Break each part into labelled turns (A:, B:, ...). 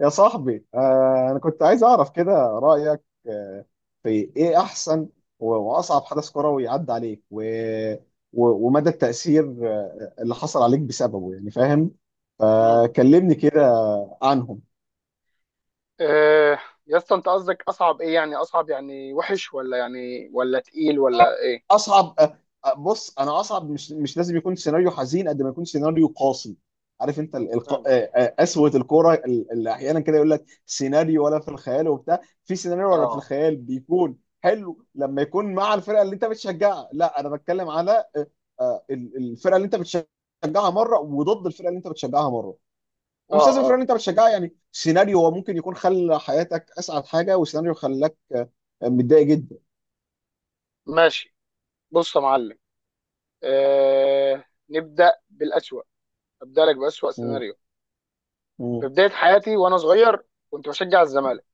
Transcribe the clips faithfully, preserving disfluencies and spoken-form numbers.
A: يا صاحبي، آه، انا كنت عايز اعرف كده رايك. آه، في ايه احسن و- واصعب حدث كروي عدى عليك و... و... ومدى التاثير آه، اللي حصل عليك بسببه، يعني فاهم؟
B: امم
A: فكلمني كده عنهم.
B: إيه يا اسطى، انت قصدك اصعب ايه؟ يعني اصعب يعني وحش، ولا يعني ولا تقيل ولا ايه؟
A: اصعب أ- أ- بص، انا اصعب مش مش لازم يكون سيناريو حزين قد ما يكون سيناريو قاسي. عارف انت ال-
B: مم.
A: الق... آه، آه، قسوه الكوره ال- اللي احيانا كده يقول لك سيناريو ولا في الخيال، وبتاع في سيناريو ولا في
B: اه،
A: الخيال. بيكون حلو لما يكون مع الفرقه اللي انت بتشجعها. لا، انا بتكلم على آه، آه، ال- الفرقه اللي انت بتشجعها مره، وضد الفرقه اللي انت بتشجعها مره. ومش
B: اه،
A: لازم الفرقه اللي
B: اه.
A: انت بتشجعها، يعني سيناريو هو ممكن يكون خلى حياتك اسعد حاجه، وسيناريو خلاك آه، متضايق جدا.
B: ماشي. بص يا معلم، إيه نبدا بالاسوأ. ابدا لك باسوأ
A: مم.
B: سيناريو.
A: مم.
B: في بدايه حياتي وانا صغير كنت بشجع الزمالك،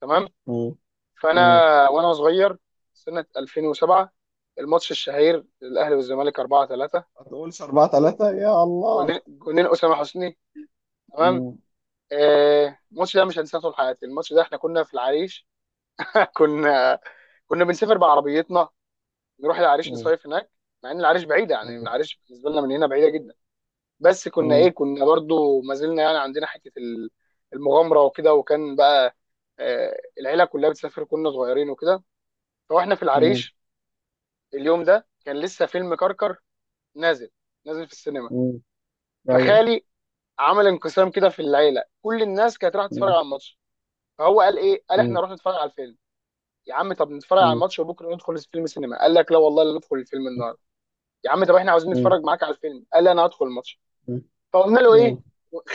B: تمام؟
A: مم.
B: فانا
A: مم.
B: وانا صغير، سنه الفين وسبعه، الماتش الشهير الاهلي والزمالك اربعه تلاته،
A: ما تقولش اربعه تلاته يا الله.
B: جونين جونين اسامه حسني، تمام.
A: مم.
B: آه، الماتش ده مش هنساه طول حياتي. الماتش ده احنا كنا في العريش. كنا كنا بنسافر بعربيتنا، نروح العريش
A: مم.
B: نصيف هناك. مع ان العريش بعيده، يعني
A: مم.
B: العريش بالنسبه لنا من هنا بعيده جدا، بس كنا ايه،
A: مم.
B: كنا برضو ما زلنا يعني عندنا حته ال- المغامره وكده. وكان بقى آه، العيله كلها بتسافر، كنا صغيرين وكده. فاحنا في
A: مم.
B: العريش، اليوم ده كان لسه فيلم كركر نازل، نازل في السينما.
A: مم. ايوه.
B: فخالي عمل انقسام كده في العيله. كل الناس كانت رايحه تتفرج
A: مم.
B: على الماتش، فهو قال ايه، قال احنا
A: مم.
B: نروح نتفرج على الفيلم. يا عم طب نتفرج على
A: مم.
B: الماتش وبكره ندخل فيلم سينما، قال لك لا والله، لا ندخل الفيلم النهارده. يا عم طب احنا عاوزين
A: مم.
B: نتفرج معاك على الفيلم، قال لي انا هدخل الماتش.
A: مم.
B: فقلنا له ايه،
A: مم.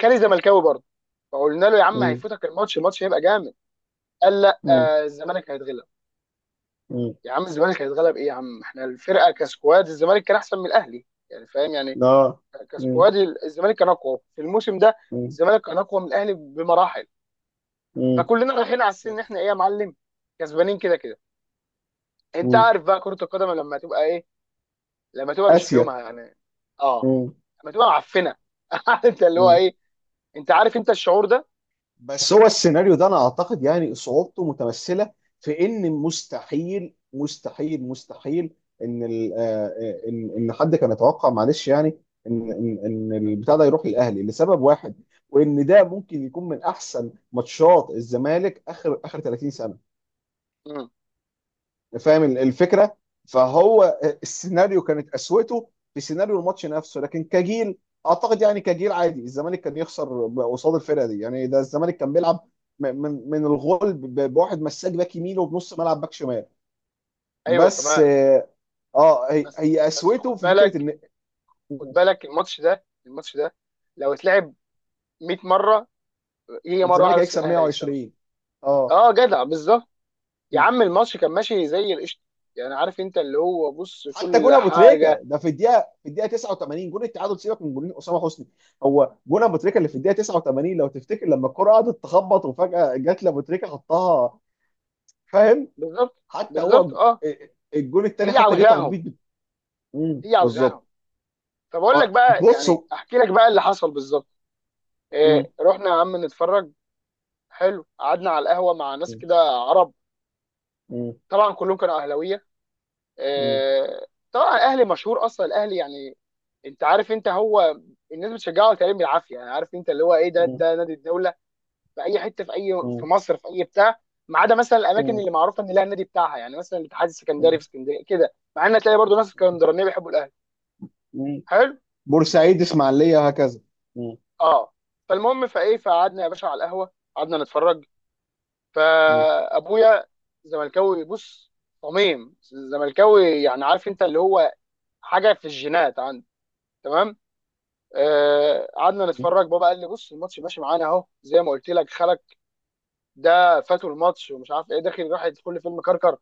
B: خالي زملكاوي برضه، فقلنا له يا عم
A: مم.
B: هيفوتك الماتش، الماتش هيبقى جامد. قال لا،
A: مم.
B: آه، الزمالك هيتغلب.
A: مم.
B: يا عم الزمالك هيتغلب ايه، يا عم احنا الفرقه كسكواد، الزمالك كان احسن من الاهلي، يعني فاهم يعني،
A: لا. مم.
B: كسكواد الزمالك كان اقوى في الموسم ده،
A: مم.
B: الزمالك كان اقوى من الاهلي بمراحل.
A: مم.
B: فكلنا رايحين على السن ان احنا ايه يا معلم، كسبانين كده كده. انت
A: مم.
B: عارف بقى كره القدم لما تبقى ايه، لما تبقى مش في
A: اسيا.
B: يومها يعني، اه،
A: مم.
B: لما تبقى معفنه. عارف انت اللي هو ايه، انت عارف انت الشعور ده.
A: بس بس، هو السيناريو ده انا اعتقد يعني صعوبته متمثله في ان مستحيل مستحيل مستحيل ان ال- آه، آه، ان ان حد كان يتوقع، معلش يعني، ان ان ان البتاع ده يروح للاهلي لسبب واحد، وان ده ممكن يكون من احسن ماتشات الزمالك اخر اخر تلاتين سنه.
B: مم.
A: فاهم الفكره؟ فهو السيناريو كانت قسوته في سيناريو الماتش نفسه، لكن كجيل اعتقد يعني كجيل عادي الزمالك كان يخسر قصاد الفرقه دي. يعني ده الزمالك كان بيلعب م- من من الغول، ب- بواحد مساك باك يمين وبنص ملعب باك شمال.
B: ايوه
A: بس،
B: تمام.
A: اه، آه، هي
B: بس
A: هي
B: بس
A: قسوته
B: خد
A: في فكره
B: بالك،
A: ان
B: خد بالك الماتش ده، الماتش ده لو اتلعب 100 مره، هي مره واحده
A: الزمالك
B: بس في
A: هيكسب
B: الاهلي هيكسبها.
A: ميه وعشرين. اه.
B: اه جدع، بالظبط. يا عم الماتش كان ماشي زي القشطه، يعني عارف انت اللي هو، بص
A: حتى
B: كل
A: جون ابو تريكه
B: حاجه.
A: ده، في الدقيقه في الدقيقه تسعه وتمانين، جون التعادل، سيبك من جونين اسامه حسني. هو جون ابو تريكه اللي في الدقيقه تسعه وتمانين، لو تفتكر لما الكره قعدت تخبط وفجاه جت لابو تريكه حطها. فاهم؟
B: بالظبط،
A: حتى
B: بالظبط
A: هو
B: اه.
A: الجون الثاني
B: هي
A: حتى جه تخبيط
B: عاوزاهم،
A: بت- مم،
B: هي
A: بالظبط.
B: عاوزاهم. فبقول لك
A: آه،
B: بقى،
A: بصوا.
B: يعني احكي لك بقى اللي حصل بالظبط.
A: مم،
B: إيه، رحنا يا عم نتفرج، حلو، قعدنا على القهوه مع ناس
A: مم،
B: كده عرب،
A: مم،
B: طبعا كلهم كانوا اهلاويه.
A: مم،
B: آه، طبعا الاهلي مشهور، اصلا الاهلي يعني، انت عارف انت هو، الناس بتشجعه تقريبا بالعافيه، يعني عارف انت اللي هو ايه، ده
A: مم،
B: ده نادي الدوله. في اي حته، في اي، في
A: مم،
B: مصر، في اي بتاع، ما عدا مثلا الاماكن
A: مم،
B: اللي معروفه ان لها النادي بتاعها، يعني مثلا الاتحاد السكندري في اسكندريه كده، مع ان تلاقي برضه ناس
A: مم،
B: اسكندرانيه بيحبوا الاهلي.
A: مم.
B: حلو،
A: بورسعيد، اسماعيليه، هكذا. مم،
B: اه. فالمهم، فايه، فقعدنا يا باشا على القهوه قعدنا نتفرج.
A: مم،
B: فابويا زملكاوي بص، صميم زملكاوي، يعني عارف انت اللي هو، حاجه في الجينات عنده، تمام. آه، قعدنا
A: مم،
B: نتفرج، بابا قال لي بص الماتش ماشي معانا اهو، زي ما قلت لك خلك، ده فاتوا الماتش ومش عارف ايه داخل راح يدخل لي فيلم كركر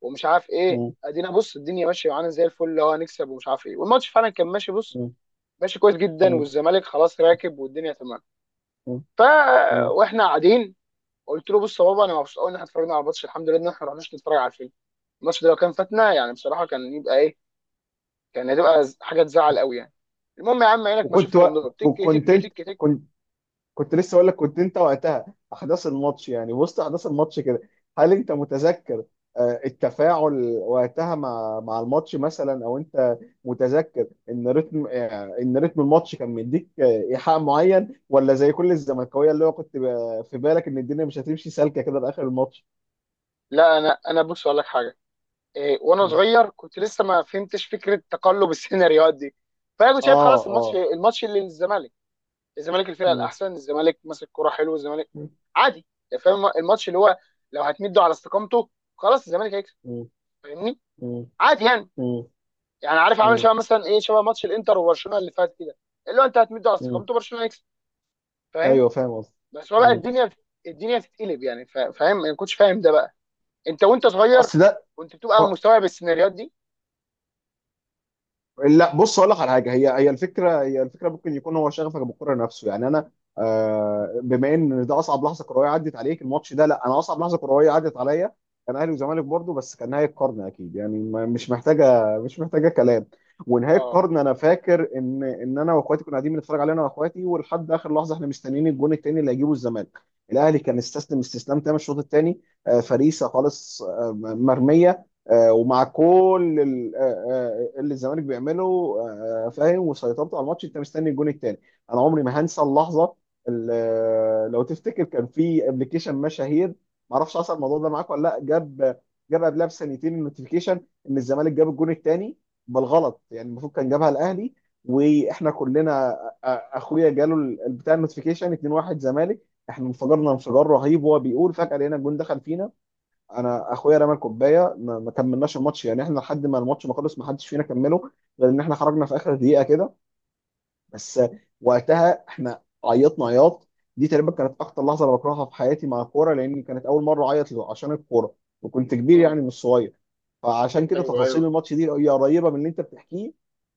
B: ومش عارف ايه.
A: مم،
B: ادينا بص الدنيا ماشيه معانا زي الفل، اللي هو هنكسب ومش عارف ايه، والماتش فعلا كان ماشي بص،
A: مم،
B: ماشي كويس جدا،
A: مم،
B: والزمالك خلاص راكب والدنيا تمام. ف
A: مم.
B: واحنا قاعدين، قلت له بص يا بابا، انا مبسوط قوي ان احنا اتفرجنا على الماتش، الحمد لله ان احنا ما رحناش نتفرج على الفيلم. الماتش ده لو كان فاتنا يعني بصراحه كان يبقى ايه، كان هتبقى حاجه تزعل قوي يعني. المهم يا عم، عينك ما
A: وكنت
B: اشوف الا
A: و...
B: النور، تك تك
A: وكنت انت
B: تك تك.
A: كنت كنت لسه اقول لك، كنت انت وقتها احداث الماتش، يعني وسط احداث الماتش كده، هل انت متذكر آه، التفاعل وقتها مع مع الماتش مثلا؟ او انت متذكر ان رتم، آه، ان رتم الماتش كان مديك آه، ايحاء معين؟ ولا زي كل الزملكاويه، اللي هو كنت ب- في بالك ان الدنيا مش هتمشي سالكه كده لاخر الماتش؟
B: لا، انا انا بص اقول لك حاجه. إيه، وانا صغير كنت لسه ما فهمتش فكره تقلب السيناريوهات دي، فانا كنت شايف
A: اه
B: خلاص الماتش،
A: اه.
B: الماتش اللي للزمالك، الزمالك الفرقه
A: مم.
B: الاحسن، الزمالك ماسك كوره حلو، الزمالك
A: مم.
B: عادي، يعني فاهم الماتش اللي هو لو هتمده على استقامته خلاص الزمالك هيكسب.
A: مم.
B: فاهمني،
A: مم.
B: عادي يعني. يعني عارف عامل
A: مم.
B: شبه مثلا ايه، شبه ماتش الانتر وبرشلونه اللي فات كده، اللي هو انت هتمده على
A: مم.
B: استقامته برشلونه هيكسب، فاهم؟
A: ايوه فاهم قصدي.
B: بس هو بقى
A: مم.
B: الدنيا، الدنيا بتتقلب يعني، فا- فاهم، انا ما كنتش فاهم ده بقى. انت وانت صغير
A: اصل ده
B: كنت بتبقى
A: آه.
B: مستوعب السيناريوهات دي.
A: لا بص، اقول لك على حاجه. هي هي الفكره هي الفكره، ممكن يكون هو شغفك بالكره نفسه. يعني انا، آه، بما ان ده اصعب لحظه كرويه عدت عليك الماتش ده، لا انا اصعب لحظه كرويه عدت عليا كان اهلي وزمالك برضه، بس كان نهايه قرن. اكيد يعني، ما- مش محتاجه مش محتاجه كلام. ونهايه
B: اه.
A: قرن، انا فاكر ان ان انا واخواتي كنا قاعدين بنتفرج عليه، انا واخواتي، ولحد اخر لحظه احنا مستنيين الجون التاني اللي هيجيبه الزمالك. الاهلي كان استسلم استسلام تام الشوط الثاني، فريسه خالص، آه، مرميه، آه، ومع كل ال- آه، آه، اللي الزمالك بيعمله، آه، فاهم، وسيطرته على الماتش، انت مستني الجون الثاني. انا عمري ما هنسى اللحظه، اللي لو تفتكر كان في ابلكيشن مشاهير، ما اعرفش حصل الموضوع ده معاك ولا لا، جاب جاب قبلها بسنتين النوتيفيكيشن ان الزمالك جاب الجون الثاني بالغلط، يعني المفروض كان جابها الاهلي. واحنا كلنا أ- أ- اخويا جاله ال- بتاع النوتيفيكيشن اتنين واحد زمالك. احنا انفجرنا انفجار رهيب، وهو بيقول فجاه لقينا الجون دخل فينا. انا اخويا رمى الكوبايه، ما ما كملناش الماتش. يعني احنا لحد ما الماتش ما خلص ما حدش فينا كمله، غير ان احنا خرجنا في اخر دقيقه كده بس. وقتها احنا عيطنا عياط. دي تقريبا كانت اكتر لحظه انا بكرهها في حياتي مع الكوره، لان كانت اول مره اعيط عشان الكوره، وكنت كبير
B: مم.
A: يعني مش صغير. فعشان كده
B: ايوه، ايوه.
A: تفاصيل الماتش دي هي قريبه من اللي انت بتحكيه.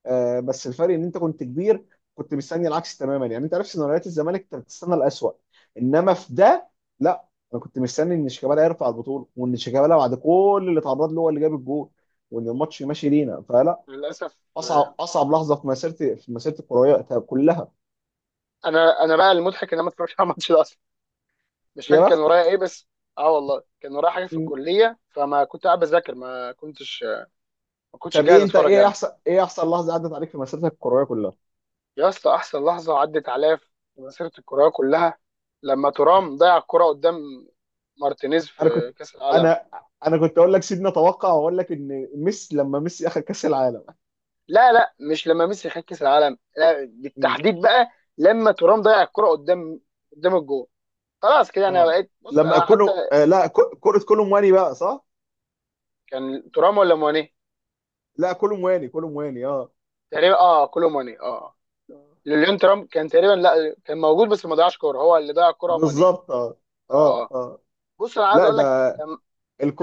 A: آه، بس الفرق ان انت كنت كبير، كنت مستني العكس تماما. يعني انت عارف سيناريوهات الزمالك، انت بتستنى الاسوء. انما في ده لا، انا كنت مستني ان شيكابالا يرفع البطوله، وان شيكابالا بعد كل اللي اتعرض له هو اللي جاب الجول، وان الماتش ماشي لينا. فلا،
B: للاسف آه،
A: اصعب اصعب لحظه في مسيرتي، في مسيرتي الكرويه طب كلها.
B: انا انا بقى المضحك ان انا ما اتفرجتش على الماتش ده اصلا، مش
A: يا
B: فاكر كان ورايا
A: بختك.
B: ايه بس. اه والله كان ورايا حاجه في
A: م.
B: الكليه، فما كنت قاعد بذاكر، ما كنتش ما كنتش
A: طب
B: جاهز
A: ايه انت،
B: اتفرج
A: ايه
B: انا.
A: احسن ايه احسن لحظه عدت عليك في مسيرتك الكرويه كلها؟
B: يا اسطى احسن لحظه عدت عليا في مسيره الكرويه كلها، لما ترام ضيع الكره قدام مارتينيز
A: انا كنت
B: في كاس العالم.
A: انا انا كنت اقول لك، سيبني اتوقع واقول لك ان ميسي، لما ميسي اخذ كاس العالم.
B: لا لا، مش لما ميسي خد كاس العالم، لا
A: م.
B: بالتحديد بقى لما ترام ضيع الكره قدام، قدام الجول. خلاص كده انا
A: اه.
B: بقيت بص،
A: لما
B: انا حتى
A: كله آه، لا، ك- كره كولومواني بقى، صح؟
B: كان ترام ولا ماني؟
A: لا كولومواني، كولومواني اه.
B: تقريبا اه، كولو ماني، اه.
A: آه.
B: ليون ترامب كان تقريبا، لا كان موجود بس ما ضيعش كوره، هو اللي ضيع الكوره ماني.
A: بالظبط. اه
B: اه
A: اه
B: اه.
A: اه.
B: بص انا عايز
A: لا
B: اقول
A: ده،
B: لك، لما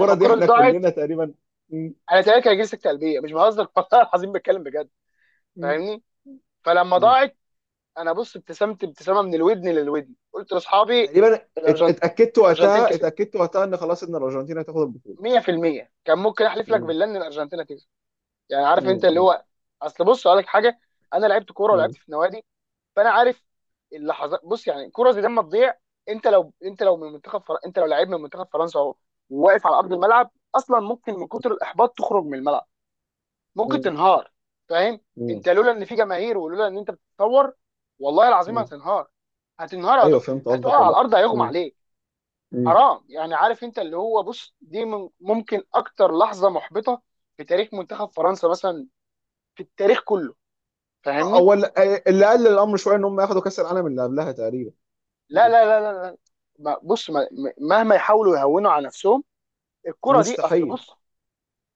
B: لما
A: دي
B: الكوره دي
A: احنا
B: ضاعت،
A: كلنا تقريبا. م.
B: انا تقريبا كان جلسه قلبيه، مش بهزر. والله العظيم بتكلم بجد، فاهمني؟ فلما
A: م.
B: ضاعت، انا بص ابتسمت ابتسامه من الودن للودن، قلت لاصحابي
A: تقريبا ات-
B: الأرجن-
A: اتاكدت
B: الارجنتين
A: وقتها،
B: كسبت
A: اتاكدت وقتها ان خلاص، ان الارجنتين هتاخد البطوله.
B: ميه في الميه، كان ممكن احلف لك
A: مم.
B: بالله ان الارجنتين هتكسب. يعني عارف انت اللي
A: مم.
B: هو، اصل بص اقول لك حاجه، انا لعبت كوره ولعبت
A: مم.
B: في نوادي، فانا عارف اللحظات بص. يعني كرة زي دي لما تضيع، انت لو انت لو من منتخب فر... انت لو لعيب من منتخب فرنسا و- وواقف على ارض الملعب، اصلا ممكن من كتر الاحباط تخرج من الملعب، ممكن
A: مم.
B: تنهار، فاهم؟
A: مم.
B: انت لولا ان في جماهير، ولولا ان انت بتتصور، والله العظيم
A: مم.
B: هتنهار، هتنهار، هت...
A: ايوه فهمت
B: هتقع
A: قصدك
B: على
A: ولا.
B: الارض، هيغمى
A: مم.
B: عليك،
A: مم.
B: حرام. يعني عارف انت اللي هو، بص دي من... ممكن اكتر لحظة محبطة في تاريخ منتخب فرنسا مثلا، في التاريخ كله، فاهمني.
A: هو اللي، اللي قلل الامر شويه ان هم ياخدوا كاس العالم اللي قبلها تقريبا.
B: لا
A: مم.
B: لا لا لا لا. ما- بص، ما- ما- مهما يحاولوا يهونوا على نفسهم، الكرة دي اصل
A: مستحيل.
B: بص،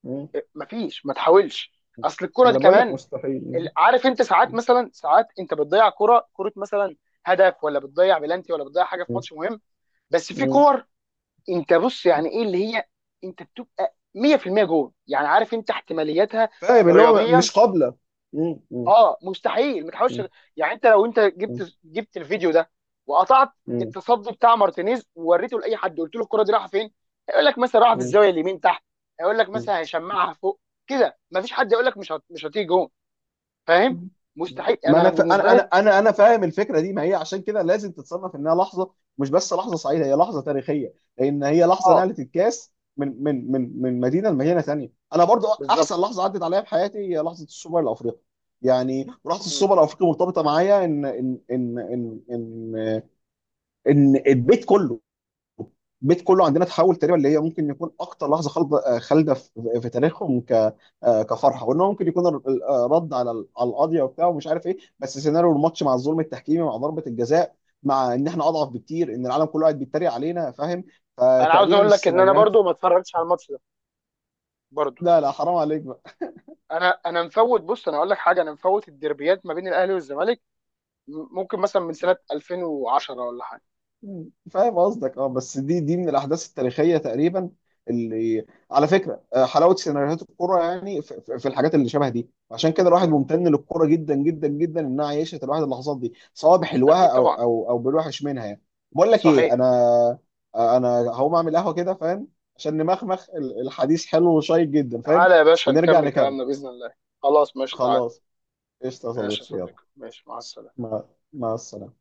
A: مم.
B: ما فيش، ما تحاولش. اصل الكرة
A: ما
B: دي
A: انا بقول لك
B: كمان
A: مستحيل.
B: ال-
A: مم.
B: عارف انت ساعات مثلا، ساعات انت بتضيع كرة، كرة مثلا هدف، ولا بتضيع بلانتي، ولا بتضيع حاجة في
A: مم.
B: ماتش مهم. بس في
A: مم.
B: كور، انت بص يعني ايه اللي هي، انت بتبقى ميه في الميه جول، يعني عارف انت احتماليتها
A: فاهم اللي هو
B: رياضيا،
A: مش قابله. مم. مم.
B: اه، مستحيل ما تحاولش. يعني انت لو، انت
A: مم.
B: جبت جبت الفيديو ده وقطعت
A: مم.
B: التصدي بتاع مارتينيز ووريته لاي حد، قلت له الكره دي رايحه فين، هيقول لك مثلا رايحه في الزاويه اليمين تحت، هيقول لك
A: مم.
B: مثلا هيشمعها فوق، كده. ما فيش حد يقول لك مش هت... مش هتيجي جون، فاهم؟
A: مم. ما
B: مستحيل،
A: ما
B: انا
A: انا ف...
B: بالنسبه
A: انا انا
B: لي.
A: انا انا فاهم الفكره دي. ما هي عشان كده لازم تتصنف، انها لحظه مش بس لحظه سعيده، هي لحظه تاريخيه، لان هي لحظه
B: اه
A: نقلت الكاس من من من من مدينه لمدينه ثانيه. انا برضو احسن
B: بالظبط.
A: لحظه عدت عليا في حياتي هي لحظه السوبر الافريقي. يعني لحظه
B: م.
A: السوبر الافريقي مرتبطه معايا ان ان ان ان ان, إن البيت كله البيت كله عندنا اتحول تقريبا، اللي هي ممكن يكون اكتر لحظه خالده خالده في في تاريخهم ك آه، كفرحه، وان هو ممكن يكون ال- آه، رد على ال- على القضيه وبتاع ومش عارف ايه. بس سيناريو الماتش مع الظلم التحكيمي، مع ضربه الجزاء، مع ان احنا اضعف بكتير، ان العالم كله قاعد بيتريق علينا، فاهم؟
B: انا عاوز
A: فتقريبا
B: اقول لك ان انا
A: السيناريوهات.
B: برضو ما اتفرجتش على الماتش ده برضو.
A: لا لا، حرام عليك.
B: انا انا مفوت، بص انا اقول لك حاجه، انا مفوت الديربيات ما بين الاهلي والزمالك، م- ممكن مثلا من سنه الفين وعشره ولا حاجه.
A: مم. فاهم قصدك، اه، بس دي دي من الاحداث التاريخيه تقريبا، اللي على فكره، آه، حلاوه سيناريوهات الكوره يعني في في- في الحاجات اللي شبه دي. عشان كده الواحد
B: م.
A: ممتن للكوره جدا جدا جدا، انها عيشت الواحد اللحظات دي، سواء بحلوها
B: اكيد
A: او
B: طبعا،
A: او او بالوحش منها يعني. بقول لك ايه
B: صحيح.
A: انا، آه، انا هقوم اعمل قهوه كده، فاهم، عشان نمخمخ. ال- الحديث حلو وشيق جدا، فاهم،
B: تعالى يا باشا
A: ونرجع
B: نكمل
A: نكمل.
B: كلامنا بإذن الله. خلاص ماشي، تعالى.
A: خلاص، قشطه يا
B: ماشي يا
A: صديقي، يلا.
B: صديقي، ماشي، مع السلامة.
A: مع مع السلامه.